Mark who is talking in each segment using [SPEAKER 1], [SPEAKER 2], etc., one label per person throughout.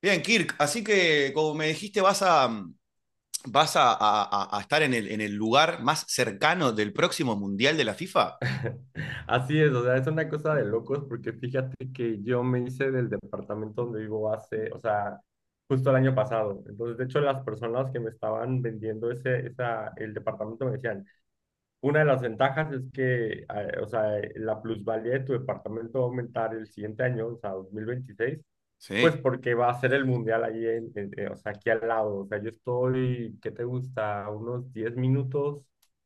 [SPEAKER 1] Bien, Kirk, así que como me dijiste, vas a estar en en el lugar más cercano del próximo Mundial de la FIFA.
[SPEAKER 2] Así es, o sea, es una cosa de locos porque fíjate que yo me hice del departamento donde vivo hace, o sea, justo el año pasado. Entonces, de hecho, las personas que me estaban vendiendo el departamento me decían, una de las ventajas es que, o sea, la plusvalía de tu departamento va a aumentar el siguiente año, o sea, 2026. Pues
[SPEAKER 1] Sí.
[SPEAKER 2] porque va a ser el mundial allí, o sea, aquí al lado. O sea, yo estoy, ¿qué te gusta? A unos 10 minutos,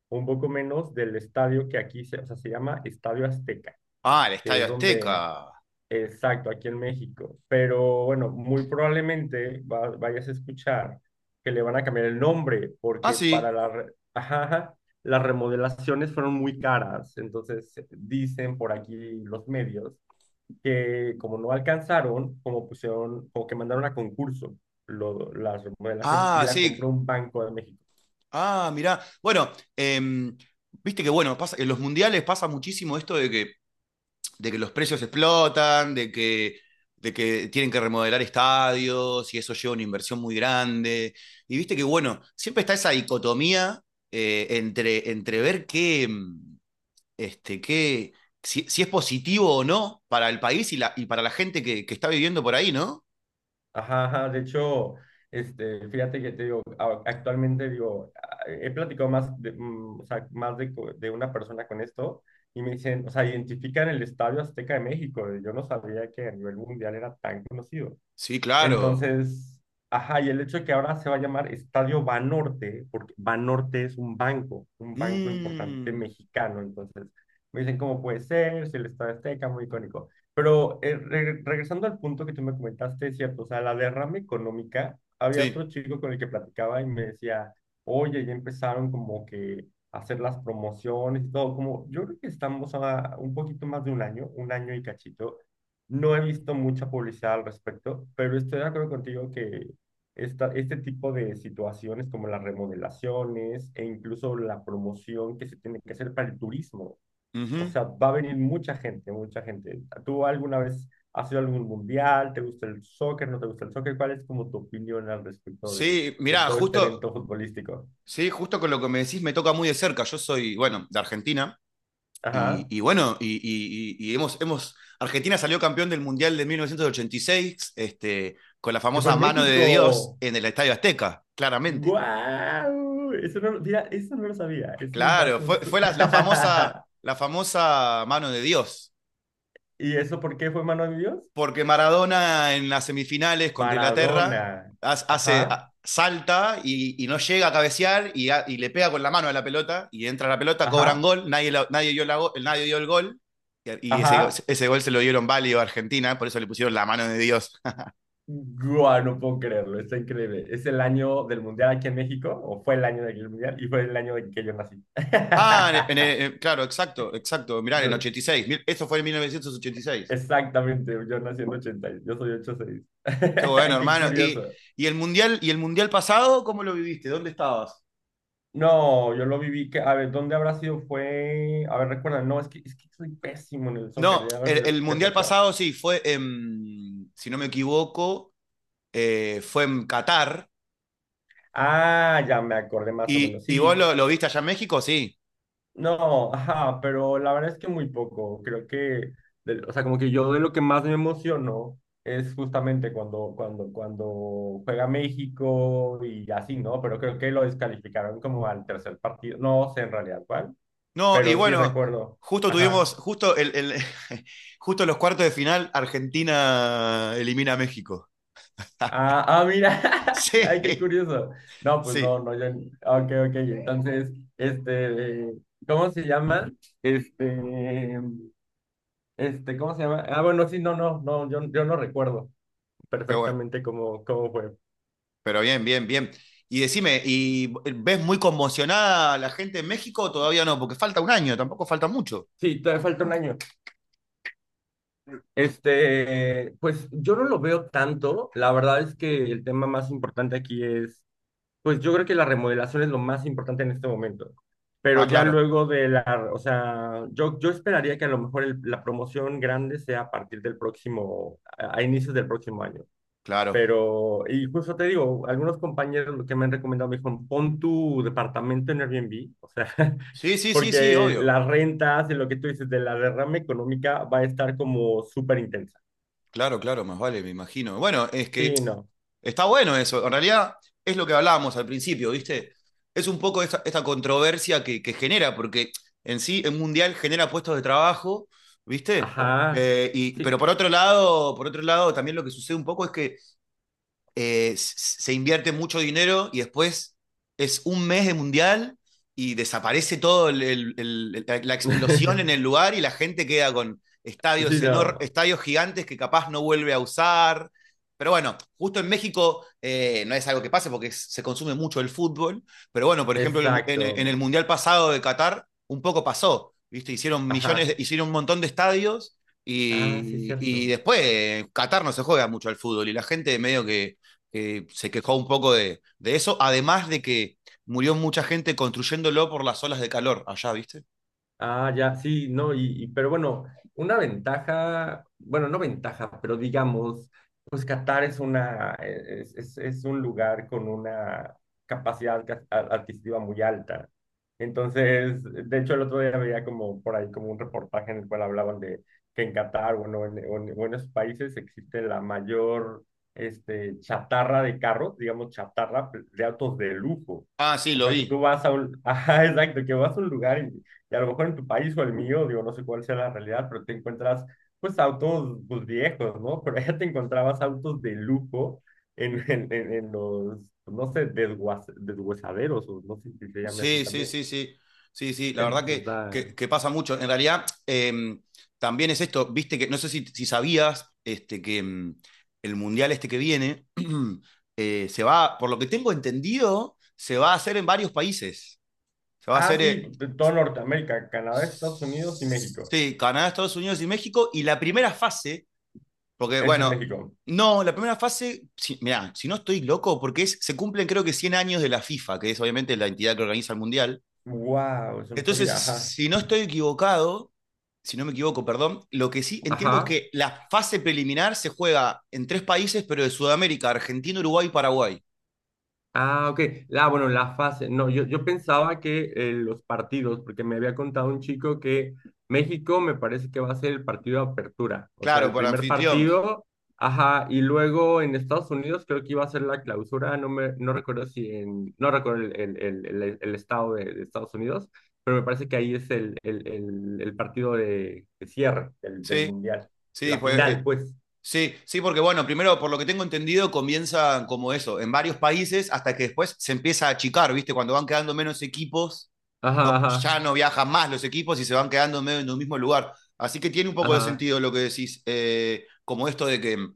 [SPEAKER 2] un poco menos del estadio que aquí se, o sea, se llama Estadio Azteca,
[SPEAKER 1] Ah, el
[SPEAKER 2] que
[SPEAKER 1] Estadio
[SPEAKER 2] es donde,
[SPEAKER 1] Azteca.
[SPEAKER 2] exacto, aquí en México. Pero bueno, muy probablemente vayas a escuchar que le van a cambiar el nombre,
[SPEAKER 1] Ah,
[SPEAKER 2] porque para
[SPEAKER 1] sí.
[SPEAKER 2] la, ajá, ajá, las remodelaciones fueron muy caras. Entonces, dicen por aquí los medios que como no alcanzaron, como pusieron, como que mandaron a concurso las remodelaciones y
[SPEAKER 1] Ah,
[SPEAKER 2] la
[SPEAKER 1] sí.
[SPEAKER 2] compró un banco de México.
[SPEAKER 1] Ah, mirá. Bueno, em, viste que bueno, pasa, en los mundiales pasa muchísimo esto de que los precios explotan, de que tienen que remodelar estadios y eso lleva una inversión muy grande. Y viste que, bueno, siempre está esa dicotomía entre ver qué, si es positivo o no para el país y para la gente que está viviendo por ahí, ¿no?
[SPEAKER 2] Ajá, ajá, de hecho, fíjate que te digo, actualmente digo, he platicado más de, o sea, más de, de una persona con esto y me dicen, o sea, identifican el Estadio Azteca de México. Yo no sabía que a nivel mundial era tan conocido.
[SPEAKER 1] Sí, claro.
[SPEAKER 2] Entonces, ajá, y el hecho de que ahora se va a llamar Estadio Banorte, porque Banorte es un banco importante
[SPEAKER 1] Mm,
[SPEAKER 2] mexicano, entonces me dicen cómo puede ser, si el Estadio Azteca, muy icónico. Pero regresando al punto que tú me comentaste, es cierto, o sea, la derrama económica, había
[SPEAKER 1] sí.
[SPEAKER 2] otro chico con el que platicaba y me decía, oye, ya empezaron como que a hacer las promociones y todo, como yo creo que estamos a un poquito más de un año y cachito, no he visto mucha publicidad al respecto, pero estoy de acuerdo contigo que este tipo de situaciones como las remodelaciones e incluso la promoción que se tiene que hacer para el turismo, o
[SPEAKER 1] Ujú.
[SPEAKER 2] sea, va a venir mucha gente, mucha gente. ¿Tú alguna vez has ido a algún mundial? ¿Te gusta el soccer? ¿No te gusta el soccer? ¿Cuál es como tu opinión al respecto
[SPEAKER 1] Sí,
[SPEAKER 2] de
[SPEAKER 1] mirá,
[SPEAKER 2] todo este
[SPEAKER 1] justo,
[SPEAKER 2] evento futbolístico?
[SPEAKER 1] sí, justo con lo que me decís me toca muy de cerca. Yo soy, bueno, de Argentina. Y,
[SPEAKER 2] Ajá,
[SPEAKER 1] y bueno, y, y- y- y hemos, Argentina salió campeón del Mundial de 1986, con la
[SPEAKER 2] que fue
[SPEAKER 1] famosa
[SPEAKER 2] en
[SPEAKER 1] mano de Dios
[SPEAKER 2] México.
[SPEAKER 1] en el Estadio Azteca, claramente.
[SPEAKER 2] ¡Guau! Eso no, mira, eso no lo sabía. Es un
[SPEAKER 1] Claro,
[SPEAKER 2] dato. Su-
[SPEAKER 1] fue la famosa mano de Dios.
[SPEAKER 2] ¿Y eso por qué fue mano de Dios?
[SPEAKER 1] Porque Maradona en las semifinales contra Inglaterra
[SPEAKER 2] Maradona.
[SPEAKER 1] hace,
[SPEAKER 2] Ajá,
[SPEAKER 1] salta y no llega a cabecear y le pega con la mano a la pelota y entra la pelota, cobran
[SPEAKER 2] ajá,
[SPEAKER 1] gol, nadie, la nadie dio el gol y
[SPEAKER 2] ajá.
[SPEAKER 1] ese gol se lo dieron válido a Argentina, por eso le pusieron la mano de Dios.
[SPEAKER 2] Guau, no puedo creerlo, está increíble. Es el año del Mundial aquí en México, o fue el año del Mundial, y fue el año en que yo nací.
[SPEAKER 1] Mirá, en
[SPEAKER 2] Yo,
[SPEAKER 1] 86, esto fue en 1986.
[SPEAKER 2] exactamente, yo nací en 80, y yo soy ochenta y
[SPEAKER 1] Qué bueno,
[SPEAKER 2] seis Qué
[SPEAKER 1] hermano.
[SPEAKER 2] curioso.
[SPEAKER 1] ¿Y el mundial pasado cómo lo viviste? ¿Dónde estabas?
[SPEAKER 2] No, yo lo viví, que, a ver, ¿dónde habrá sido? Fue, a ver, recuerda, no, es que soy pésimo en el soccer,
[SPEAKER 1] No,
[SPEAKER 2] ya lo que te
[SPEAKER 1] el
[SPEAKER 2] te
[SPEAKER 1] mundial
[SPEAKER 2] platicaba.
[SPEAKER 1] pasado sí, si no me equivoco, fue en Qatar.
[SPEAKER 2] Ah, ya me acordé más o
[SPEAKER 1] ¿Y,
[SPEAKER 2] menos. Sí.
[SPEAKER 1] lo viste allá en México? Sí.
[SPEAKER 2] No, ajá, pero la verdad es que muy poco. Creo que, o sea, como que yo de lo que más me emociono es justamente cuando juega México y así, ¿no? Pero creo que lo descalificaron como al tercer partido. No sé en realidad cuál,
[SPEAKER 1] No, y
[SPEAKER 2] pero sí
[SPEAKER 1] bueno,
[SPEAKER 2] recuerdo.
[SPEAKER 1] justo
[SPEAKER 2] Ajá.
[SPEAKER 1] tuvimos, justo, el- justo los cuartos de final, Argentina elimina a México.
[SPEAKER 2] Ah, ah, mira.
[SPEAKER 1] Sí,
[SPEAKER 2] Ay, qué curioso. No, pues no,
[SPEAKER 1] sí,
[SPEAKER 2] no, yo. Ok, ok. Entonces, este, ¿cómo se llama? Este. Este, ¿cómo se llama? Ah, bueno, sí, no, no, no, yo no recuerdo
[SPEAKER 1] qué bueno.
[SPEAKER 2] perfectamente cómo fue.
[SPEAKER 1] Pero bien, bien, bien. Y decime, ¿y ves muy conmocionada a la gente en México? Todavía no, porque falta un año, tampoco falta mucho.
[SPEAKER 2] Sí, todavía falta un año. Este, pues yo no lo veo tanto. La verdad es que el tema más importante aquí es, pues yo creo que la remodelación es lo más importante en este momento. Pero
[SPEAKER 1] Ah,
[SPEAKER 2] ya
[SPEAKER 1] claro,
[SPEAKER 2] luego de la, o sea, yo esperaría que a lo mejor la promoción grande sea a partir del próximo, a inicios del próximo año.
[SPEAKER 1] claro.
[SPEAKER 2] Pero, y justo te digo, algunos compañeros que me han recomendado me dijeron, pon tu departamento en Airbnb, o sea,
[SPEAKER 1] Sí, sí, sí, sí,
[SPEAKER 2] porque
[SPEAKER 1] obvio.
[SPEAKER 2] las rentas y lo que tú dices de la derrama económica va a estar como súper intensa.
[SPEAKER 1] Claro, claro, más vale, me imagino. Bueno, es que
[SPEAKER 2] Sí, no. Claro.
[SPEAKER 1] está bueno eso. En realidad es lo que hablábamos al principio, ¿viste? Es un poco esta controversia que genera, porque en sí el mundial genera puestos de trabajo, ¿viste?
[SPEAKER 2] Ajá.
[SPEAKER 1] Pero
[SPEAKER 2] Sí.
[SPEAKER 1] por otro lado, también lo que sucede un poco es que se invierte mucho dinero y después es un mes de mundial y desaparece todo explosión en el lugar y la gente queda con
[SPEAKER 2] Sí, no.
[SPEAKER 1] estadios gigantes que capaz no vuelve a usar. Pero bueno, justo en México no es algo que pase porque se consume mucho el fútbol. Pero bueno, por ejemplo, en en el
[SPEAKER 2] Exacto.
[SPEAKER 1] mundial pasado de Qatar un poco pasó, ¿viste? Hicieron millones,
[SPEAKER 2] Ajá.
[SPEAKER 1] hicieron un montón de estadios.
[SPEAKER 2] Ah, sí,
[SPEAKER 1] Y
[SPEAKER 2] cierto.
[SPEAKER 1] después Qatar no se juega mucho al fútbol y la gente medio que se quejó un poco de eso, además de que murió mucha gente construyéndolo por las olas de calor allá, ¿viste?
[SPEAKER 2] Ah, ya, sí, no, pero bueno, una ventaja, bueno, no ventaja, pero digamos, pues Qatar es una, es un lugar con una capacidad adquisitiva muy alta. Entonces, de hecho, el otro día veía como por ahí como un reportaje en el cual hablaban de que en Qatar, bueno, o en esos países existe la mayor, este, chatarra de carros, digamos, chatarra de autos de lujo.
[SPEAKER 1] Ah, sí,
[SPEAKER 2] O
[SPEAKER 1] lo
[SPEAKER 2] sea, que tú
[SPEAKER 1] vi.
[SPEAKER 2] vas a un, ajá, exacto, que vas a un lugar y a lo mejor en tu país o el mío, digo, no sé cuál sea la realidad, pero te encuentras pues autos pues, viejos, ¿no? Pero allá te encontrabas autos de lujo en, en los, pues, no sé, desguazaderos, o no sé si se llame así
[SPEAKER 1] Sí, sí,
[SPEAKER 2] también.
[SPEAKER 1] sí, sí. Sí, sí, la verdad
[SPEAKER 2] Entonces está...
[SPEAKER 1] que pasa mucho. En realidad, también es esto, viste que, no sé si sabías, este, que el mundial este que viene, por lo que tengo entendido, se va a hacer en varios países. Se va a
[SPEAKER 2] Ah,
[SPEAKER 1] hacer,
[SPEAKER 2] sí, de todo Norteamérica, Canadá, Estados Unidos y México.
[SPEAKER 1] sí, Canadá, Estados Unidos y México, y la primera fase. Porque,
[SPEAKER 2] Es en
[SPEAKER 1] bueno,
[SPEAKER 2] México.
[SPEAKER 1] no, la primera fase, si, mirá, si no estoy loco, porque es, se cumplen creo que 100 años de la FIFA, que es obviamente la entidad que organiza el Mundial.
[SPEAKER 2] Wow, eso no
[SPEAKER 1] Entonces,
[SPEAKER 2] sabía, ajá.
[SPEAKER 1] si no estoy equivocado, si no me equivoco, perdón, lo que sí entiendo es
[SPEAKER 2] Ajá.
[SPEAKER 1] que la fase preliminar se juega en tres países, pero de Sudamérica, Argentina, Uruguay y Paraguay.
[SPEAKER 2] Ah, ok. Ah, bueno, la fase. No, yo pensaba que los partidos, porque me había contado un chico que México me parece que va a ser el partido de apertura, o sea,
[SPEAKER 1] Claro,
[SPEAKER 2] el
[SPEAKER 1] por
[SPEAKER 2] primer
[SPEAKER 1] anfitrión.
[SPEAKER 2] partido, ajá, y luego en Estados Unidos creo que iba a ser la clausura, no me, no recuerdo si en, no recuerdo el estado de Estados Unidos, pero me parece que ahí es el partido de cierre del, del
[SPEAKER 1] Sí,
[SPEAKER 2] mundial,
[SPEAKER 1] sí,
[SPEAKER 2] la
[SPEAKER 1] pues,
[SPEAKER 2] final, pues.
[SPEAKER 1] sí, sí, porque bueno, primero, por lo que tengo entendido, comienzan como eso, en varios países, hasta que después se empieza a achicar, ¿viste? Cuando van quedando menos equipos
[SPEAKER 2] Ajá,
[SPEAKER 1] no,
[SPEAKER 2] ajá,
[SPEAKER 1] ya no viajan más los equipos y se van quedando medio en un mismo lugar. Así que tiene un poco de
[SPEAKER 2] ajá,
[SPEAKER 1] sentido lo que decís, como esto de que,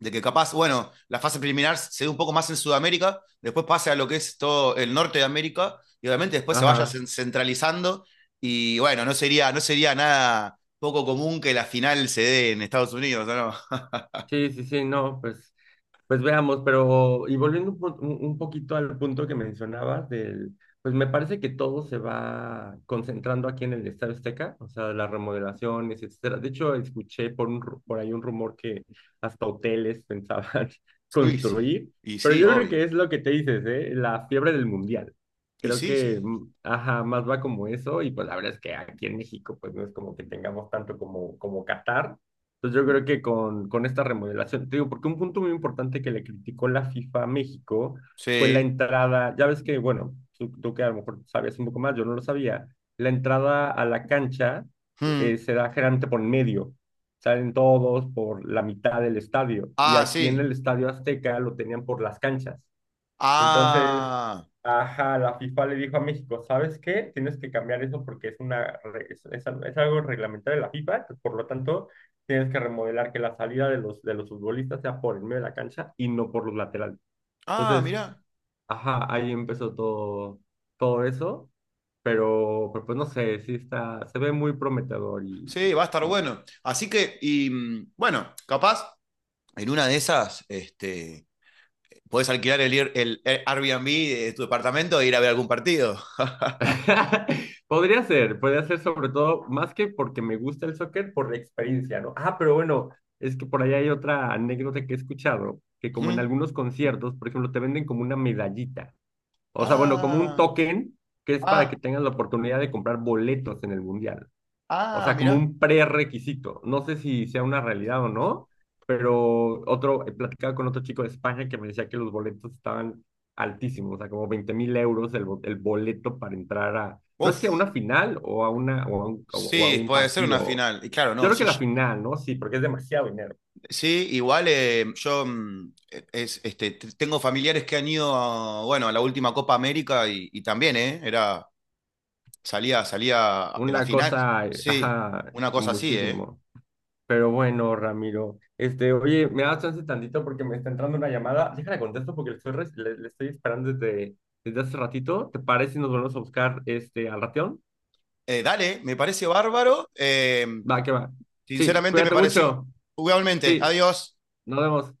[SPEAKER 1] de que capaz, bueno, la fase preliminar se dé un poco más en Sudamérica, después pase a lo que es todo el norte de América y obviamente después se vaya
[SPEAKER 2] ajá.
[SPEAKER 1] centralizando y bueno, no sería, no sería nada poco común que la final se dé en Estados Unidos, ¿no?
[SPEAKER 2] Sí, sí, sí, no, pues. Pues veamos, pero y volviendo un, un poquito al punto que mencionabas del, pues me parece que todo se va concentrando aquí en el Estadio Azteca, o sea, las remodelaciones, etcétera. De hecho, escuché por un, por ahí un rumor que hasta hoteles pensaban
[SPEAKER 1] Uy, sí.
[SPEAKER 2] construir,
[SPEAKER 1] Y
[SPEAKER 2] pero
[SPEAKER 1] sí,
[SPEAKER 2] yo creo que
[SPEAKER 1] obvio.
[SPEAKER 2] es lo que te dices, ¿eh? La fiebre del mundial.
[SPEAKER 1] Y
[SPEAKER 2] Creo
[SPEAKER 1] sí,
[SPEAKER 2] que,
[SPEAKER 1] sí.
[SPEAKER 2] ajá, más va como eso y pues la verdad es que aquí en México pues no es como que tengamos tanto como como Qatar. Entonces yo creo que con esta remodelación, te digo, porque un punto muy importante que le criticó la FIFA a México fue la
[SPEAKER 1] Sí.
[SPEAKER 2] entrada, ya ves que, bueno, tú que a lo mejor sabías un poco más, yo no lo sabía, la entrada a la cancha
[SPEAKER 1] Hmm.
[SPEAKER 2] se da generalmente por en medio, salen todos por la mitad del estadio, y
[SPEAKER 1] Ah,
[SPEAKER 2] aquí en
[SPEAKER 1] sí.
[SPEAKER 2] el Estadio Azteca lo tenían por las canchas. Entonces,
[SPEAKER 1] Ah.
[SPEAKER 2] ajá, la FIFA le dijo a México, ¿sabes qué? Tienes que cambiar eso porque es una es algo reglamentario de la FIFA, pues, por lo tanto, tienes que remodelar que la salida de los futbolistas sea por el medio de la cancha y no por los laterales.
[SPEAKER 1] Ah,
[SPEAKER 2] Entonces,
[SPEAKER 1] mirá.
[SPEAKER 2] ajá, ahí empezó todo, todo eso, pero, pues no sé, sí está, se ve muy prometedor y,
[SPEAKER 1] Sí, va a estar bueno. Así que, y mm, bueno, capaz en una de esas, podés alquilar el, ir- el Air- Airbnb de tu departamento e ir a ver algún partido.
[SPEAKER 2] Podría ser sobre todo, más que porque me gusta el soccer, por la experiencia, ¿no? Ah, pero bueno, es que por ahí hay otra anécdota que he escuchado, que como en
[SPEAKER 1] ¿Mm?
[SPEAKER 2] algunos conciertos, por ejemplo, te venden como una medallita, o sea, bueno, como un
[SPEAKER 1] Ah,
[SPEAKER 2] token que es para que
[SPEAKER 1] ah,
[SPEAKER 2] tengas la oportunidad de comprar boletos en el mundial, o
[SPEAKER 1] ah,
[SPEAKER 2] sea, como
[SPEAKER 1] mirá.
[SPEAKER 2] un prerequisito. No sé si sea una realidad o no, pero otro, he platicado con otro chico de España que me decía que los boletos estaban altísimos, o sea, como 20.000 euros el, el boleto para entrar a, no sé si a
[SPEAKER 1] Uf,
[SPEAKER 2] una final o a, una, o a
[SPEAKER 1] sí,
[SPEAKER 2] un
[SPEAKER 1] puede ser una
[SPEAKER 2] partido.
[SPEAKER 1] final. Y claro,
[SPEAKER 2] Yo
[SPEAKER 1] no,
[SPEAKER 2] creo que
[SPEAKER 1] sí,
[SPEAKER 2] la final, ¿no? Sí, porque es demasiado dinero.
[SPEAKER 1] sí, igual yo mm, tengo familiares que han ido a, bueno, a la última Copa América y también, ¿eh? Era, salía, salía la
[SPEAKER 2] Una
[SPEAKER 1] final.
[SPEAKER 2] cosa,
[SPEAKER 1] Sí,
[SPEAKER 2] ajá,
[SPEAKER 1] una cosa así, ¿eh?
[SPEAKER 2] muchísimo. Pero bueno, Ramiro, este, oye, me das chance tantito porque me está entrando una llamada. Déjala contesto porque le estoy, le, le estoy esperando desde, desde hace ratito. ¿Te parece si nos volvemos a buscar este, al ratión?
[SPEAKER 1] Dale, me parece bárbaro.
[SPEAKER 2] Va, que va. Sí,
[SPEAKER 1] Sinceramente me
[SPEAKER 2] cuídate
[SPEAKER 1] pareció.
[SPEAKER 2] mucho.
[SPEAKER 1] Igualmente,
[SPEAKER 2] Sí,
[SPEAKER 1] adiós.
[SPEAKER 2] nos vemos.